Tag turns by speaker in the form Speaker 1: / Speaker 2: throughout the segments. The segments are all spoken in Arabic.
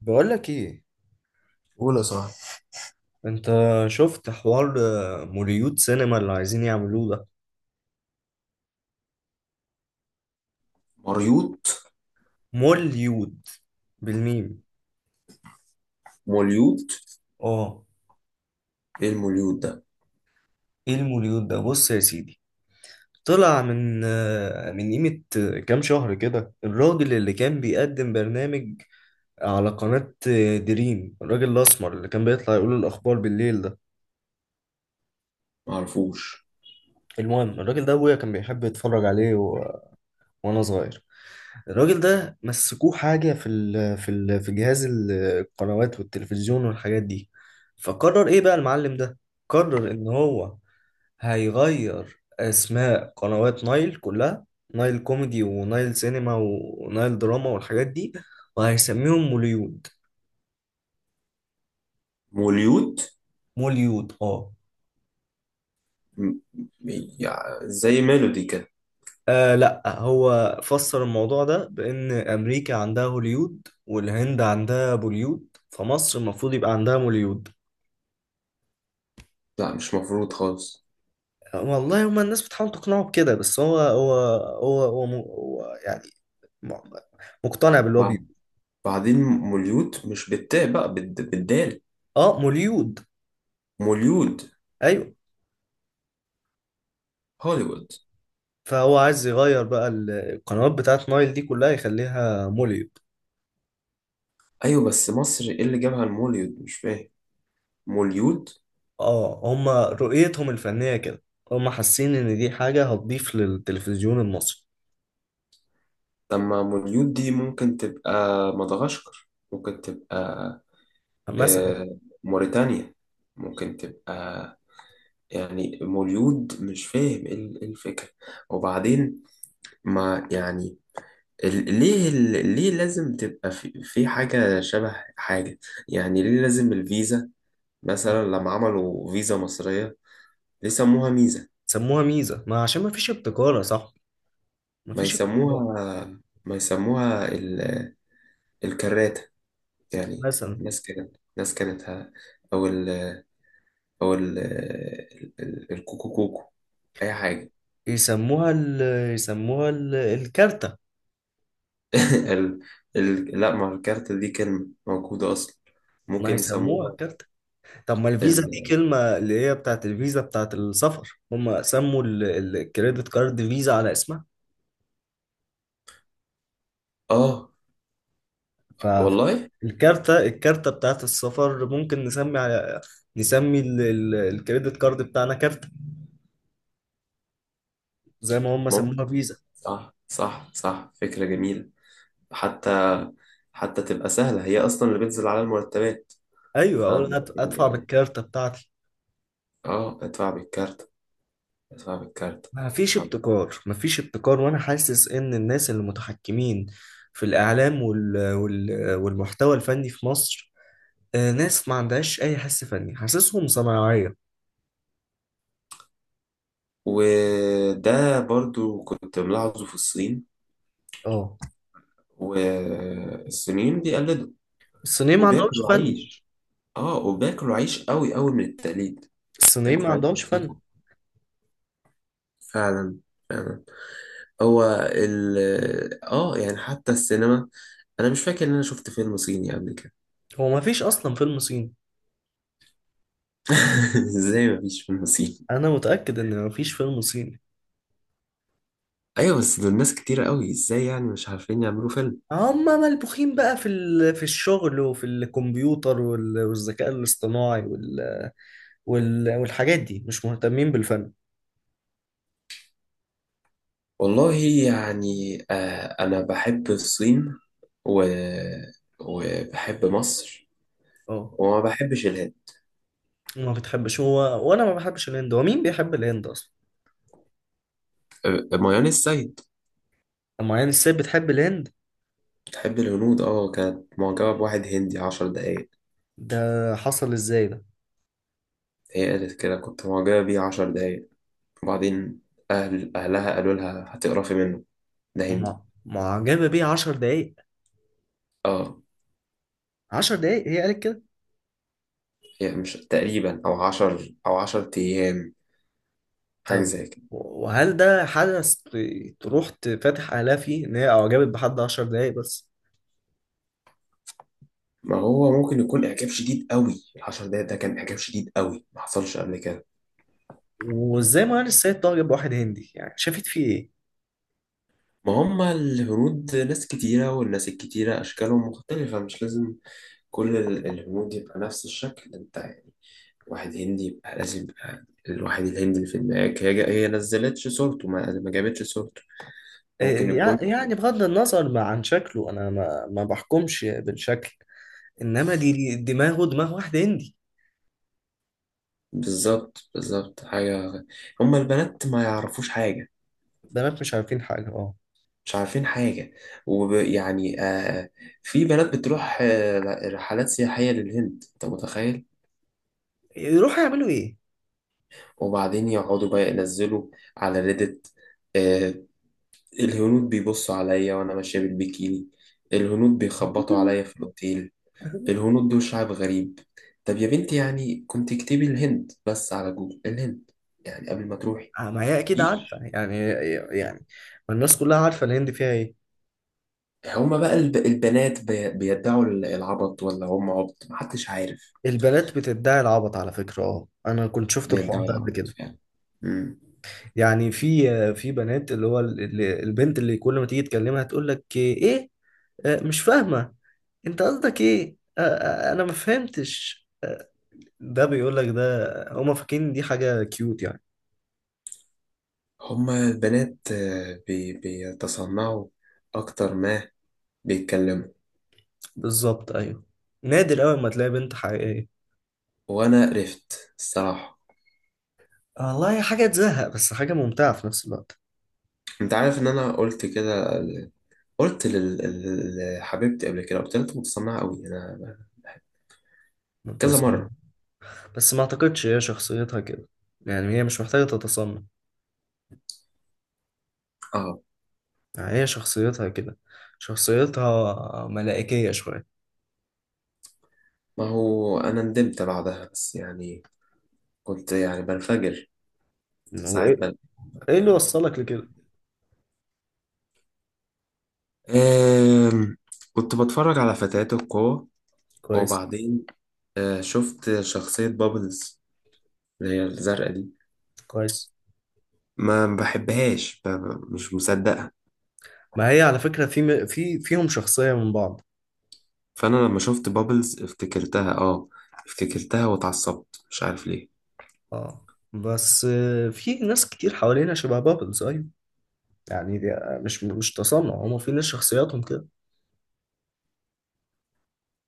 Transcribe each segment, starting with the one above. Speaker 1: بقول لك ايه؟
Speaker 2: قول يا صاحبي.
Speaker 1: انت شفت حوار موليود سينما اللي عايزين يعملوه ده؟
Speaker 2: مريوط.
Speaker 1: موليود بالميم.
Speaker 2: موليوط.
Speaker 1: اه.
Speaker 2: ايه الموليوط ده؟
Speaker 1: ايه الموليود ده؟ بص يا سيدي، طلع من من قيمة كام شهر كده، الراجل اللي كان بيقدم برنامج على قناة دريم، الراجل الأسمر اللي كان بيطلع يقول الأخبار بالليل ده.
Speaker 2: معرفوش.
Speaker 1: المهم، الراجل ده أبويا كان بيحب يتفرج عليه وأنا صغير. الراجل ده مسكوه حاجة في جهاز القنوات والتلفزيون والحاجات دي، فقرر ايه بقى المعلم ده؟ قرر ان هو هيغير اسماء قنوات نايل كلها، نايل كوميدي ونايل سينما ونايل دراما والحاجات دي، وهيسميهم موليود.
Speaker 2: موليوط.
Speaker 1: موليود اه.
Speaker 2: م- يعني زي ميلودي كده.
Speaker 1: آه لا، هو فسر الموضوع ده بان امريكا عندها هوليود والهند عندها بوليود، فمصر المفروض يبقى عندها موليود.
Speaker 2: لا، مش مفروض خالص.
Speaker 1: والله هما الناس بتحاول تقنعه بكده بس هو يعني، م- مقتنع باللي هو
Speaker 2: بع-
Speaker 1: بيقوله.
Speaker 2: بعدين موليوت مش بالتاء بقى بالدال.
Speaker 1: اه موليود،
Speaker 2: موليود.
Speaker 1: ايوه.
Speaker 2: هوليوود.
Speaker 1: فهو عايز يغير بقى القنوات بتاعت نايل دي كلها يخليها موليود.
Speaker 2: ايوه، بس مصر ايه اللي جابها الموليود؟ مش فاهم. موليود.
Speaker 1: اه هما رؤيتهم الفنية كده، هما حاسين ان دي حاجة هتضيف للتلفزيون المصري.
Speaker 2: طب ما موليود دي ممكن تبقى مدغشقر، ممكن تبقى
Speaker 1: مثلا
Speaker 2: آه، موريتانيا، ممكن تبقى. يعني مولود، مش فاهم ايه إيه الفكرة. وبعدين ما يعني، ليه لازم تبقى في حاجة شبه حاجة؟ يعني ليه لازم الفيزا، مثلا لما عملوا فيزا مصرية ليه سموها ميزة؟
Speaker 1: سموها ميزة ما عشان ما فيش ابتكار يا صاحبي، ما
Speaker 2: ما
Speaker 1: فيش ابتكار.
Speaker 2: يسموها، ما يسموها الكراتة يعني.
Speaker 1: مثلا
Speaker 2: ناس كانت ناس كانت ه- أو ال أو ال الكوكو كوكو، أي حاجة.
Speaker 1: يسموها ال، يسموها الكارتة.
Speaker 2: ال... لا، مع الكارتة دي كلمة موجودة أصلا.
Speaker 1: ما
Speaker 2: ممكن
Speaker 1: يسموها
Speaker 2: يسموها.
Speaker 1: الكارتة. طب ما الفيزا دي
Speaker 2: ال...
Speaker 1: كلمة اللي هي بتاعت الفيزا بتاعت السفر، هم سموا الكريدت كارد فيزا على اسمها.
Speaker 2: آه والله
Speaker 1: الكارتة بتاعت السفر ممكن نسمي على، نسمي الكريدت كارد بتاعنا كارتة، زي ما هم سموها
Speaker 2: ممكن.
Speaker 1: فيزا.
Speaker 2: صح صح صح، فكرة جميلة. حتى حتى تبقى سهلة، هي أصلا اللي بتنزل على المرتبات.
Speaker 1: ايوه،
Speaker 2: ف...
Speaker 1: اقول ادفع
Speaker 2: يعني
Speaker 1: بالكارتة بتاعتي.
Speaker 2: آه، ادفع بالكارت، ادفع بالكارت.
Speaker 1: ما فيش
Speaker 2: آه.
Speaker 1: ابتكار، ما فيش ابتكار. وانا حاسس ان الناس اللي متحكمين في الاعلام والمحتوى الفني في مصر، ناس ما عندهاش اي حس فني، حاسسهم صناعية.
Speaker 2: وده برضو كنت ملاحظه في الصين،
Speaker 1: اه
Speaker 2: والصينيين بيقلدوا
Speaker 1: الصينيين ما عندهمش
Speaker 2: وبياكلوا
Speaker 1: فن،
Speaker 2: عيش. اه، وبياكلوا عيش قوي قوي من التقليد،
Speaker 1: الصينيين ما
Speaker 2: بياكلوا عيش
Speaker 1: عندهمش
Speaker 2: كتير،
Speaker 1: فن.
Speaker 2: فعلا فعلا. هو ال اه يعني حتى السينما، انا مش فاكر ان انا شفت فيلم صيني قبل كده.
Speaker 1: هو ما فيش اصلا فيلم صيني،
Speaker 2: ازاي ما فيش فيلم صيني؟
Speaker 1: انا متاكد ان ما فيش فيلم صيني.
Speaker 2: ايوه بس دول ناس كتير قوي، ازاي يعني مش عارفين يعملوا فيلم؟
Speaker 1: هم ملبوخين بقى في الشغل وفي الكمبيوتر والذكاء الاصطناعي وال وال والحاجات دي، مش مهتمين بالفن.
Speaker 2: والله يعني آه، انا بحب الصين و... وبحب مصر،
Speaker 1: اه.
Speaker 2: وما بحبش الهند.
Speaker 1: ما بتحبش، هو وانا ما بحبش الهند، هو مين بيحب الهند اصلا؟
Speaker 2: ميان السيد
Speaker 1: اما يعني الست بتحب الهند.
Speaker 2: بتحب الهنود، اه. كانت معجبة بواحد هندي 10 دقايق.
Speaker 1: ده حصل ازاي ده؟
Speaker 2: هي قالت كده، كنت معجبة بيه 10 دقايق. وبعدين أهلها قالوا لها هتقرفي منه، ده هندي.
Speaker 1: ما معجبه بيه 10 دقايق؟
Speaker 2: اه،
Speaker 1: 10 دقايق هي قالت كده؟
Speaker 2: يعني مش تقريبا، أو 10 أيام، حاجة
Speaker 1: طب
Speaker 2: زي كده.
Speaker 1: وهل ده حدث تروح تفتح عليها فيه ان هي اعجبت بحد 10 دقايق بس؟
Speaker 2: ما هو ممكن يكون إعجاب شديد قوي، ال10 دقايق ده كان إعجاب شديد قوي ما حصلش قبل كده.
Speaker 1: وازاي مهان السيد تعجب بواحد هندي؟ يعني شافت فيه ايه؟
Speaker 2: ما هما الهنود ناس كتيرة، والناس الكتيرة أشكالهم مختلفة، مش لازم كل الهنود يبقى نفس الشكل، أنت يعني. واحد هندي يبقى لازم يبقى الواحد الهندي اللي في دماغك، هي نزلتش صورته، ما جابتش صورته. ممكن
Speaker 1: إيه
Speaker 2: يكون،
Speaker 1: يعني بغض النظر ما عن شكله، انا ما بحكمش بالشكل، انما دي دماغه، دماغ واحد هندي.
Speaker 2: بالظبط بالظبط، حاجة. هما البنات ما يعرفوش حاجة،
Speaker 1: بنات مش عارفين حاجه، اه.
Speaker 2: مش عارفين حاجة. ويعني آه، في بنات بتروح رحلات سياحية للهند، أنت متخيل؟
Speaker 1: يروحوا يعملوا ايه؟
Speaker 2: وبعدين يقعدوا بقى ينزلوا على ريدت، آه، الهنود بيبصوا عليا وأنا ماشية بالبيكيني، الهنود بيخبطوا عليا في الأوتيل، الهنود دول شعب غريب. طب يا بنتي، يعني كنت اكتبي الهند بس على جوجل، الهند، يعني قبل ما تروحي.
Speaker 1: ما هي اكيد عارفه
Speaker 2: مفيش.
Speaker 1: يعني، يعني ما الناس كلها عارفه الهند فيها ايه.
Speaker 2: هما بقى البنات بيدعوا العبط، ولا هم عبط محدش عارف؟
Speaker 1: البنات بتدعي العبط على فكره، اه انا كنت شفت الحوار
Speaker 2: بيدعوا
Speaker 1: ده قبل
Speaker 2: العبط
Speaker 1: كده.
Speaker 2: فعلا. مم.
Speaker 1: يعني في في بنات اللي هو البنت اللي كل ما تيجي تكلمها تقول لك ايه، مش فاهمة، انت قصدك ايه، انا ما فهمتش، ده بيقول لك ده. هما فاكرين دي حاجة كيوت يعني.
Speaker 2: هما البنات بيتصنعوا أكتر ما بيتكلموا.
Speaker 1: بالظبط، ايوه. نادر قوي ما تلاقي بنت حقيقية.
Speaker 2: وأنا قرفت الصراحة.
Speaker 1: والله هي حاجة تزهق بس حاجة ممتعة في نفس الوقت.
Speaker 2: أنت عارف إن أنا قلت كده؟ قلت لحبيبتي قبل كده، قلت لها أنت متصنعة أوي، أنا كذا
Speaker 1: متصنع؟
Speaker 2: مرة.
Speaker 1: بس ما اعتقدش هي شخصيتها كده، يعني هي مش محتاجة تتصنع،
Speaker 2: اه،
Speaker 1: يعني هي شخصيتها كده، شخصيتها ملائكية شوية.
Speaker 2: ما هو أنا ندمت بعدها، بس يعني كنت يعني بنفجر
Speaker 1: وايه
Speaker 2: ساعات.
Speaker 1: ايه؟ إيه اللي وصلك لكده؟
Speaker 2: آم، كنت بتفرج على فتيات القوة،
Speaker 1: كويس.
Speaker 2: وبعدين شفت شخصية بابلز اللي هي الزرقاء دي.
Speaker 1: كويس.
Speaker 2: ما بحبهاش، مش مصدقها.
Speaker 1: ما هي على فكرة في في فيهم شخصية من بعض.
Speaker 2: فأنا لما شفت بابلز افتكرتها، اه، افتكرتها واتعصبت مش عارف ليه.
Speaker 1: اه بس في ناس كتير حوالينا شبه بابلز، ايوه. يعني دي مش تصنع، هما في ناس شخصياتهم كده.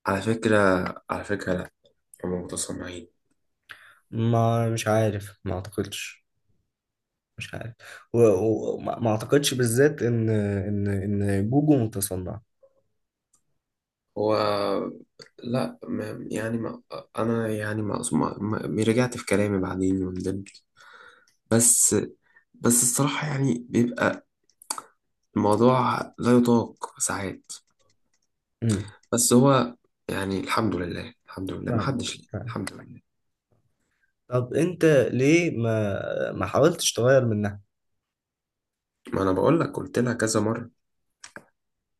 Speaker 2: على فكرة، على فكرة لأ، هما متصنعين.
Speaker 1: ما مش عارف، ما اعتقدش، مش عارف. وما و... و- ما ما اعتقدش بالذات ان ان جوجو متصنع.
Speaker 2: هو، لأ، ما يعني ما أنا يعني رجعت في كلامي بعدين وندمت. بس، بس الصراحة يعني بيبقى الموضوع لا يطاق ساعات.
Speaker 1: امم
Speaker 2: بس هو يعني، الحمد لله، الحمد لله ما
Speaker 1: فاهم،
Speaker 2: حدش ليه،
Speaker 1: فاهم.
Speaker 2: الحمد لله.
Speaker 1: طب انت ليه ما حاولتش تغير من؟
Speaker 2: ما انا بقول لك، قلت لها كذا مره.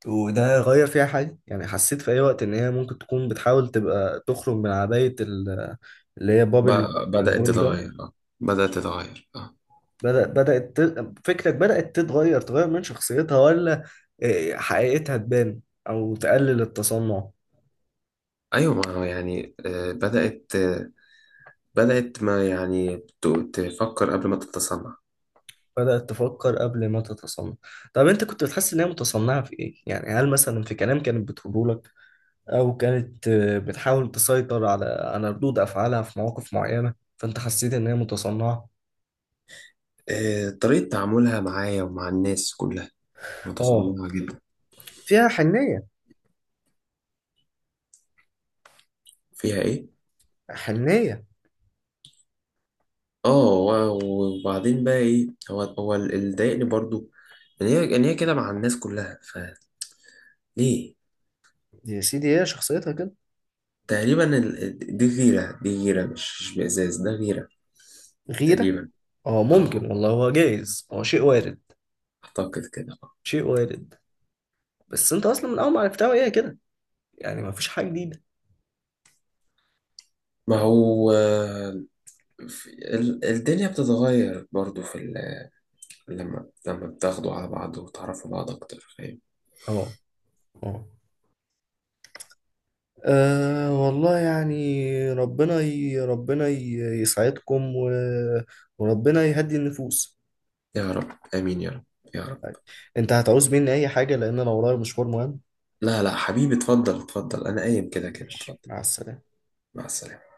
Speaker 1: وده غير فيها حاجة يعني؟ حسيت في أي وقت إن هي ممكن تكون بتحاول تبقى تخرج من عباية اللي هي
Speaker 2: ب...
Speaker 1: بابل،
Speaker 2: بدات
Speaker 1: بابل جام؟
Speaker 2: تتغير، اه، بدات تتغير، اه.
Speaker 1: بدأت فكرك بدأت تتغير، تغير من شخصيتها، ولا إيه، حقيقتها تبان، أو تقلل التصنع؟
Speaker 2: ايوه، ما هو يعني آه بدات آه، بدات ما يعني ت- تفكر قبل ما تتصنع.
Speaker 1: بدأت تفكر قبل ما تتصنع. طب أنت كنت بتحس إن هي متصنعة في إيه؟ يعني هل مثلا في كلام كانت بتقوله لك، أو كانت بتحاول تسيطر على على ردود أفعالها في مواقف معينة فأنت حسيت إن هي متصنعة؟
Speaker 2: آه، طريقه تعاملها معايا ومع الناس كلها
Speaker 1: آه.
Speaker 2: متصنعه جدا.
Speaker 1: فيها حنية؟
Speaker 2: فيها ايه؟
Speaker 1: حنية.
Speaker 2: اه، وبعدين بقى ايه، هو هو اللي ضايقني برضو، ان هي كده مع الناس كلها، فليه؟
Speaker 1: يا سيدي هي شخصيتها كده.
Speaker 2: تقريبا دي غيرة، دي غيرة، مش بإزاز، ده غيرة
Speaker 1: غيرة؟
Speaker 2: تقريبا.
Speaker 1: اه
Speaker 2: اه،
Speaker 1: ممكن، والله هو جايز، هو شيء وارد،
Speaker 2: أعتقد كده اه.
Speaker 1: شيء وارد. بس انت اصلا من اول ما عرفتها هي كده، يعني ما فيش حاجة جديدة.
Speaker 2: ما هو الدنيا بتتغير برضو لما بتاخدوا على بعض وتعرفوا بعض أكتر، فاهم.
Speaker 1: اه. اه. والله يعني ربنا ربنا يسعدكم وربنا يهدي النفوس.
Speaker 2: يا رب، آمين يا رب، يا رب.
Speaker 1: انت هتعوز مني اي حاجة؟ لان انا ورايا مشوار مهم.
Speaker 2: لا لا حبيبي، اتفضل اتفضل، أنا قايم كده كده،
Speaker 1: ماشي،
Speaker 2: اتفضل.
Speaker 1: مع السلامة.
Speaker 2: مع السلامة.